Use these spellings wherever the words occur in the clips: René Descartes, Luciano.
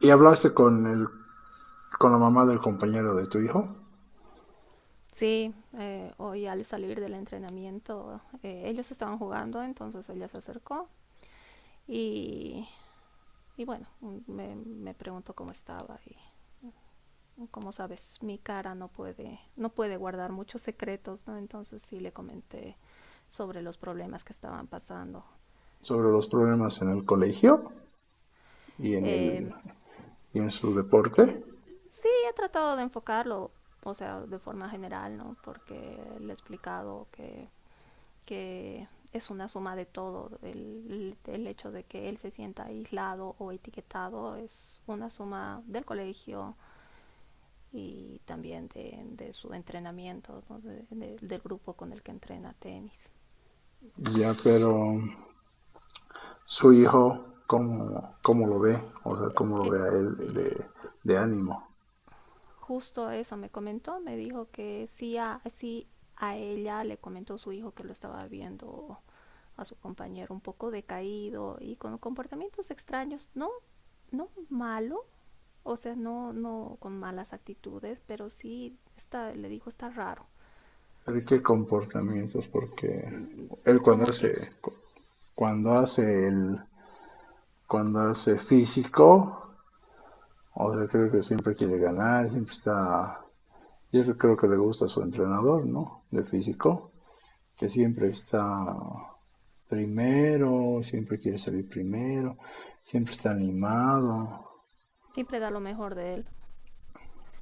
¿Y hablaste con con la mamá del compañero de tu hijo Sí, hoy al salir del entrenamiento, ellos estaban jugando, entonces ella se acercó y, y bueno, me preguntó cómo estaba y como sabes, mi cara no puede, no puede guardar muchos secretos, ¿no? Entonces sí le comenté sobre los problemas que estaban pasando. sobre los problemas en el colegio y en Eh, el y en su deporte? y he tratado de enfocarlo, o sea, de forma general, ¿no? Porque le he explicado que es una suma de todo. El hecho de que él se sienta aislado o etiquetado es una suma del colegio y también de su entrenamiento, ¿no? Del grupo con el que entrena tenis. Ya, pero su hijo, ¿cómo lo ve? O sea, ¿cómo lo Eh, ve a eh, de ánimo? Justo eso me comentó, me dijo que sí sí a ella le comentó su hijo que lo estaba viendo a su compañero un poco decaído y con comportamientos extraños, no, no malo. O sea, no, no con malas actitudes, pero sí está, le dijo está raro. ¿Pero qué comportamientos? Porque él cuando Como hace, que cuando hace el, cuando hace físico, o sea, creo que siempre quiere ganar, yo creo que le gusta a su entrenador, ¿no? De físico que siempre está primero, siempre quiere salir primero, siempre está animado. siempre da lo mejor de él.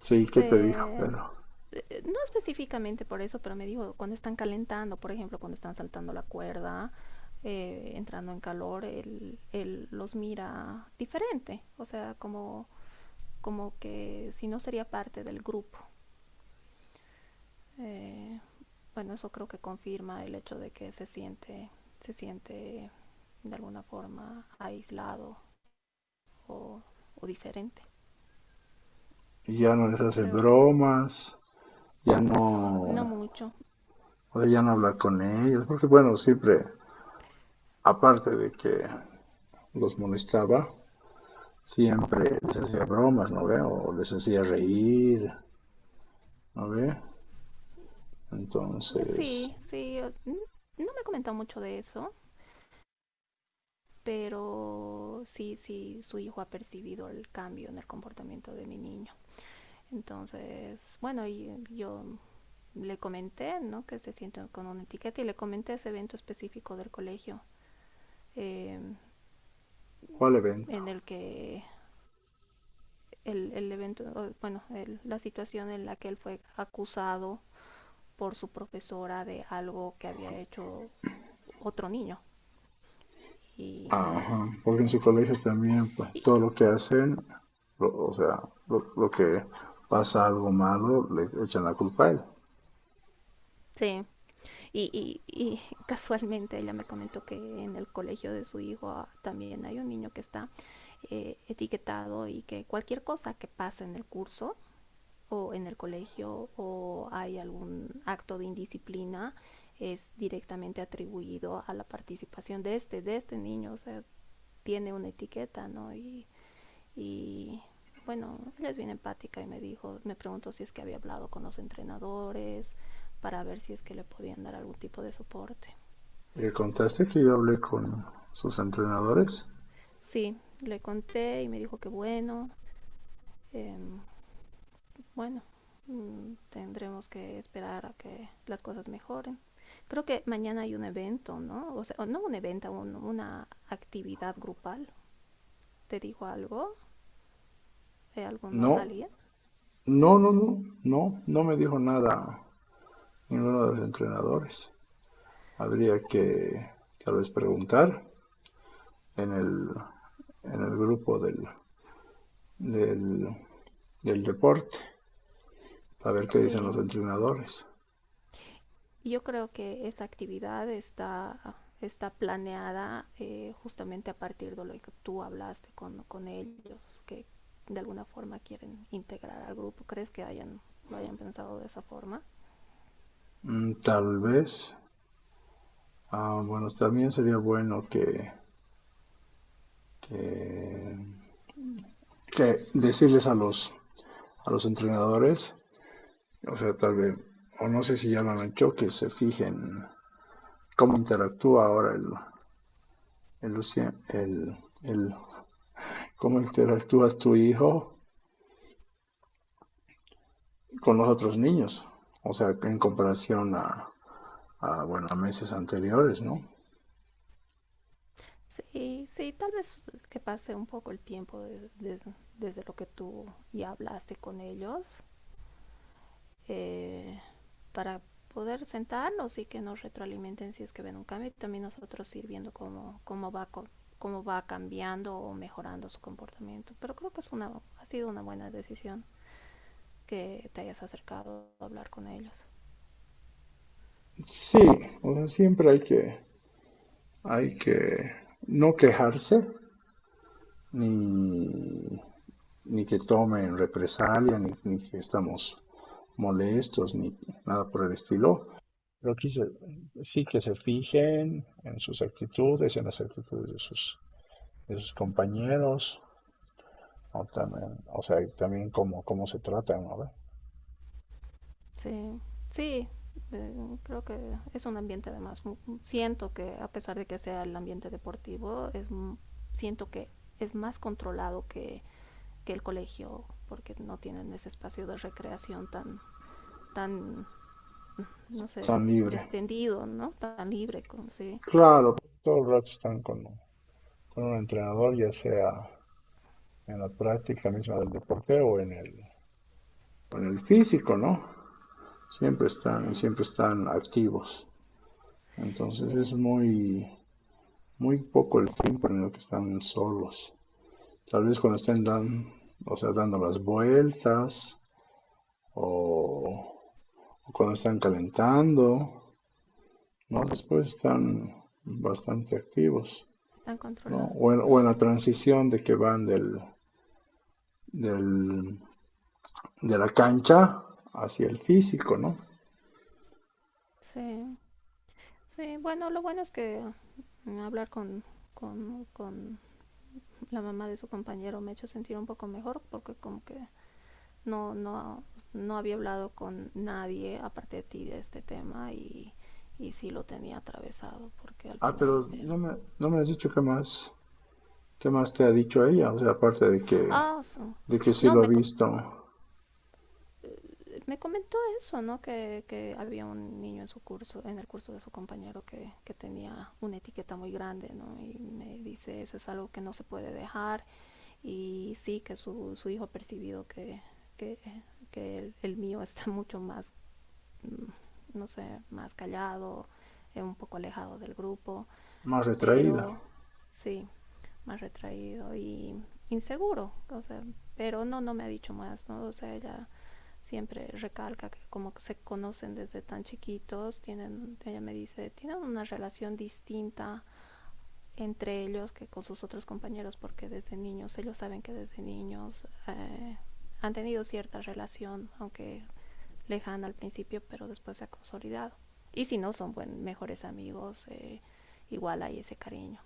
Sí, ¿qué te dijo? Eh, Pero no específicamente por eso, pero me dijo cuando están calentando, por ejemplo, cuando están saltando la cuerda, entrando en calor, él los mira diferente. O sea, como, como que si no sería parte del grupo. Eh, bueno, eso creo que confirma el hecho de que se siente de alguna forma aislado o, o diferente, ya no les hace creo. bromas, ya no, No mucho. ya no habla con ellos, porque bueno, siempre, aparte de que los molestaba, siempre les hacía bromas, ¿no ve? O les hacía reír, ¿no ve? Entonces, Sí, sí, no me ha comentado mucho de eso, pero sí, sí, su hijo ha percibido el cambio en el comportamiento de mi niño. Entonces, bueno, y yo le comenté, ¿no? Que se siente con una etiqueta y le comenté ese evento específico del colegio, eh, ¿cuál evento? en el que el evento, bueno, el- la situación en la que él fue acusado por su profesora de algo que había hecho otro niño. Y, Ajá, y porque en su bueno, colegio también, pues y, todo lo que hacen, o sea, lo que pasa algo malo, le echan la culpa a él. sí, y casualmente ella me comentó que en el colegio de su hijo ah, también hay un niño que está etiquetado y que cualquier cosa que pase en el curso o en el colegio o hay algún acto de indisciplina es directamente atribuido a la participación de este niño, o sea, tiene una etiqueta, ¿no? Y bueno, ella es bien empática y me dijo, me preguntó si es que había hablado con los entrenadores para ver si es que le podían dar algún tipo de soporte. ¿Le contaste que yo hablé con sus entrenadores? Sí, le conté y me dijo que bueno, eh, bueno, tendremos que esperar a que las cosas mejoren. Creo que mañana hay un evento, ¿no? O sea, no un evento, una actividad grupal. ¿Te dijo algo? ¿De alguno, No, alguien? no, no, no, no, no me dijo nada ninguno de los entrenadores. Habría que tal vez preguntar en en el grupo del, del deporte, a ver qué dicen los Sí, entrenadores. yo creo que esta actividad está, está planeada justamente a partir de lo que tú hablaste con ellos, que de alguna forma quieren integrar al grupo. ¿Crees que hayan, lo hayan pensado de esa forma? Mm, tal vez. Ah, bueno, también sería bueno que, que decirles a a los entrenadores, o sea, tal vez, o no sé si ya lo han hecho, que se fijen cómo interactúa ahora el, Lucien- el- cómo interactúa tu hijo con los otros niños, o sea, en comparación bueno, a meses anteriores, ¿no? Sí, sí, tal vez que pase un poco el tiempo desde lo que tú ya hablaste con ellos. Eh, para poder sentarnos y que nos retroalimenten si es que ven un cambio y también nosotros ir viendo cómo, cómo va cambiando o mejorando su comportamiento. Pero creo que es una, ha sido una buena decisión que te hayas acercado a hablar con ellos. Sí, o sea, siempre hay que no quejarse ni que tomen represalia, ni que estamos molestos, ni nada por el estilo. Pero que se- sí que se fijen en sus actitudes, en las actitudes de de sus compañeros, o, también, o sea, también cómo se tratan, ¿no? Sí, sí, creo que es un ambiente además. Siento que a pesar de que sea el ambiente deportivo, es, siento que es más controlado que el colegio porque no tienen ese espacio de recreación tan, tan no sé, Están libres. descendido, ¿no? Tan libre como si Claro, todo el rato están con un entrenador, ya sea en la práctica misma del deporte o en en el físico, ¿no? Se, Siempre están activos. Entonces sí, sí, es muy, muy poco el tiempo en el que están solos. Tal vez cuando estén dan, o sea, dando las vueltas o, o cuando están calentando, ¿no? Después están bastante activos, están ¿no? O controlados. O en la transición de que van del- de la cancha hacia el físico, ¿no? Sí, sí, bueno, lo bueno es que hablar con, con la mamá de su compañero me ha hecho sentir un poco mejor porque como que no, no, no había hablado con nadie aparte de ti de este tema y sí lo tenía atravesado porque al Ah, final pero ver no me has dicho qué más te ha dicho ella, o sea, aparte de ah sí. de que sí no lo ha me, visto Me comentó eso, ¿no? Que había un niño en su curso, en el curso de su compañero que tenía una etiqueta muy grande, ¿no? Y me dice, eso es algo que no se puede dejar y sí que su hijo ha percibido que, que el mío está mucho más, no sé, más callado, un poco alejado del grupo más retraída. pero sí, más retraído y inseguro, o sea, pero no, no me ha dicho más, ¿no? O sea, ella siempre recalca que como que se conocen desde tan chiquitos, tienen, ella me dice, tienen una relación distinta entre ellos que con sus otros compañeros porque desde niños, ellos saben que desde niños han tenido cierta relación, aunque lejana al principio, pero después se ha consolidado. Y si no son buen, mejores amigos, igual hay ese cariño.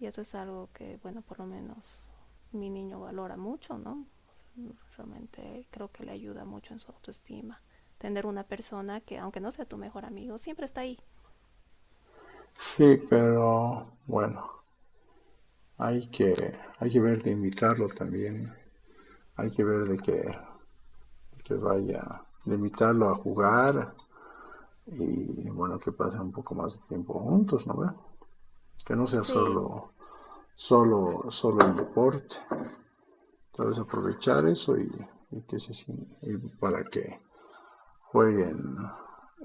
Y eso es algo que, bueno, por lo menos mi niño valora mucho, ¿no? O sea, realmente creo que le ayuda mucho en su autoestima. Tener una persona que, aunque no sea tu mejor amigo, siempre está ahí. Sí, pero bueno, hay que, hay que ver de invitarlo también, hay que ver de de que vaya, de invitarlo a jugar y bueno, que pasen un poco más de tiempo juntos, ¿no ve? Que no sea Sí, solo el deporte, tal vez aprovechar eso y que se sin- y para que jueguen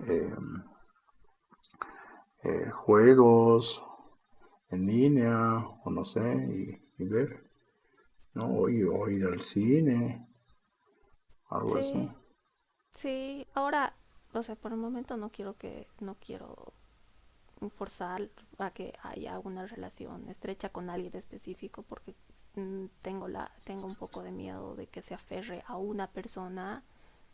eh, juegos en línea o no sé, y ver, ¿no? O ir al cine algo así. sí, sí. Ahora, o sea, por el momento no quiero que, no quiero forzar a que haya una relación estrecha con alguien específico porque tengo un poco de miedo de que se aferre a una persona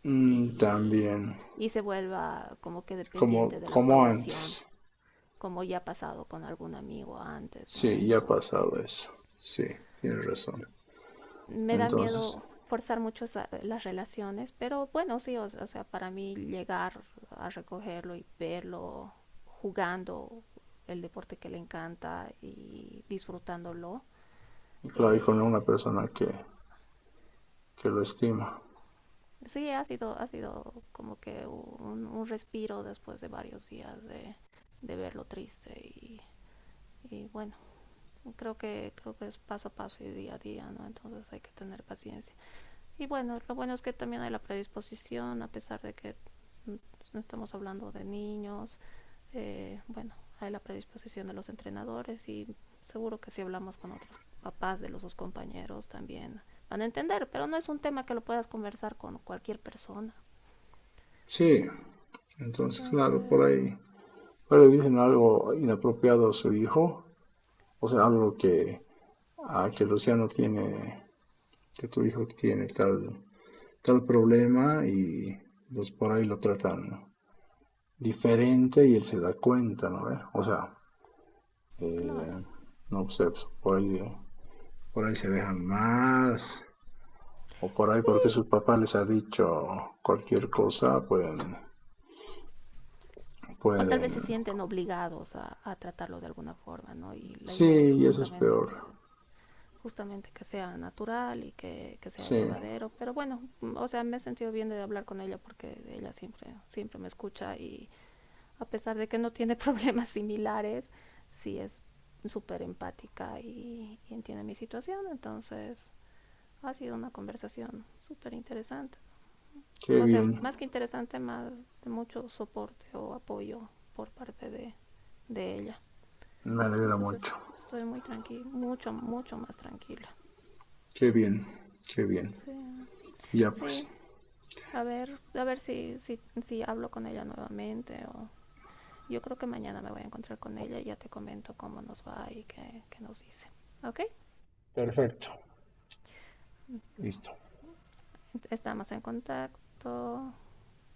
Mm, y, también, y se vuelva como que dependiente como, de la como aprobación, antes. como ya ha pasado con algún amigo antes, ¿no? Sí, ya ha pasado eso. Entonces, Sí, tienes razón. me da Entonces, miedo forzar mucho las relaciones, pero bueno, sí, o sea, para mí llegar a recogerlo y verlo jugando el deporte que le encanta y disfrutándolo, claro, y con eh, una persona que lo estima. sí, ha sido como que un respiro después de varios días de verlo triste y bueno, creo que es paso a paso y día a día, no, entonces hay que tener paciencia y bueno, lo bueno es que también hay la predisposición a pesar de que no estamos hablando de niños, bueno, hay la predisposición de los entrenadores y seguro que si hablamos con otros papás de los sus compañeros también van a entender, pero no es un tema que lo puedas conversar con cualquier persona, Sí, entonces, claro, entonces por ahí. Pero le dicen algo inapropiado a su hijo, o sea, algo que, ah, que Luciano tiene, que tu hijo tiene tal problema y pues por ahí lo tratan diferente y él se da cuenta, ¿no? O sea, Eh, claro, no sé, pues, por ahí se dejan más. O por ahí porque sí, sus papás les ha dicho cualquier cosa, o tal vez se pueden. sienten obligados a, tratarlo de alguna forma, ¿no? Y la Sí, idea es y eso es peor. Justamente que sea natural y que sea Sí, llevadero, pero bueno, o sea, me he sentido bien de hablar con ella porque ella siempre, siempre me escucha y a pesar de que no tiene problemas similares, sí es súper empática y entiende mi situación, entonces ha sido una conversación súper interesante. qué O sea, bien. más que interesante, más de mucho soporte o apoyo por parte de ella. Me alegra Entonces mucho. estoy muy tranquila, mucho, mucho más tranquila. Qué bien, qué bien. Sí, Ya pues. sí, a ver si, si, si hablo con ella nuevamente o yo creo que mañana me voy a encontrar con ella y ya te comento cómo nos va y qué, qué nos dice. ¿Ok? Perfecto, listo. Estamos en contacto.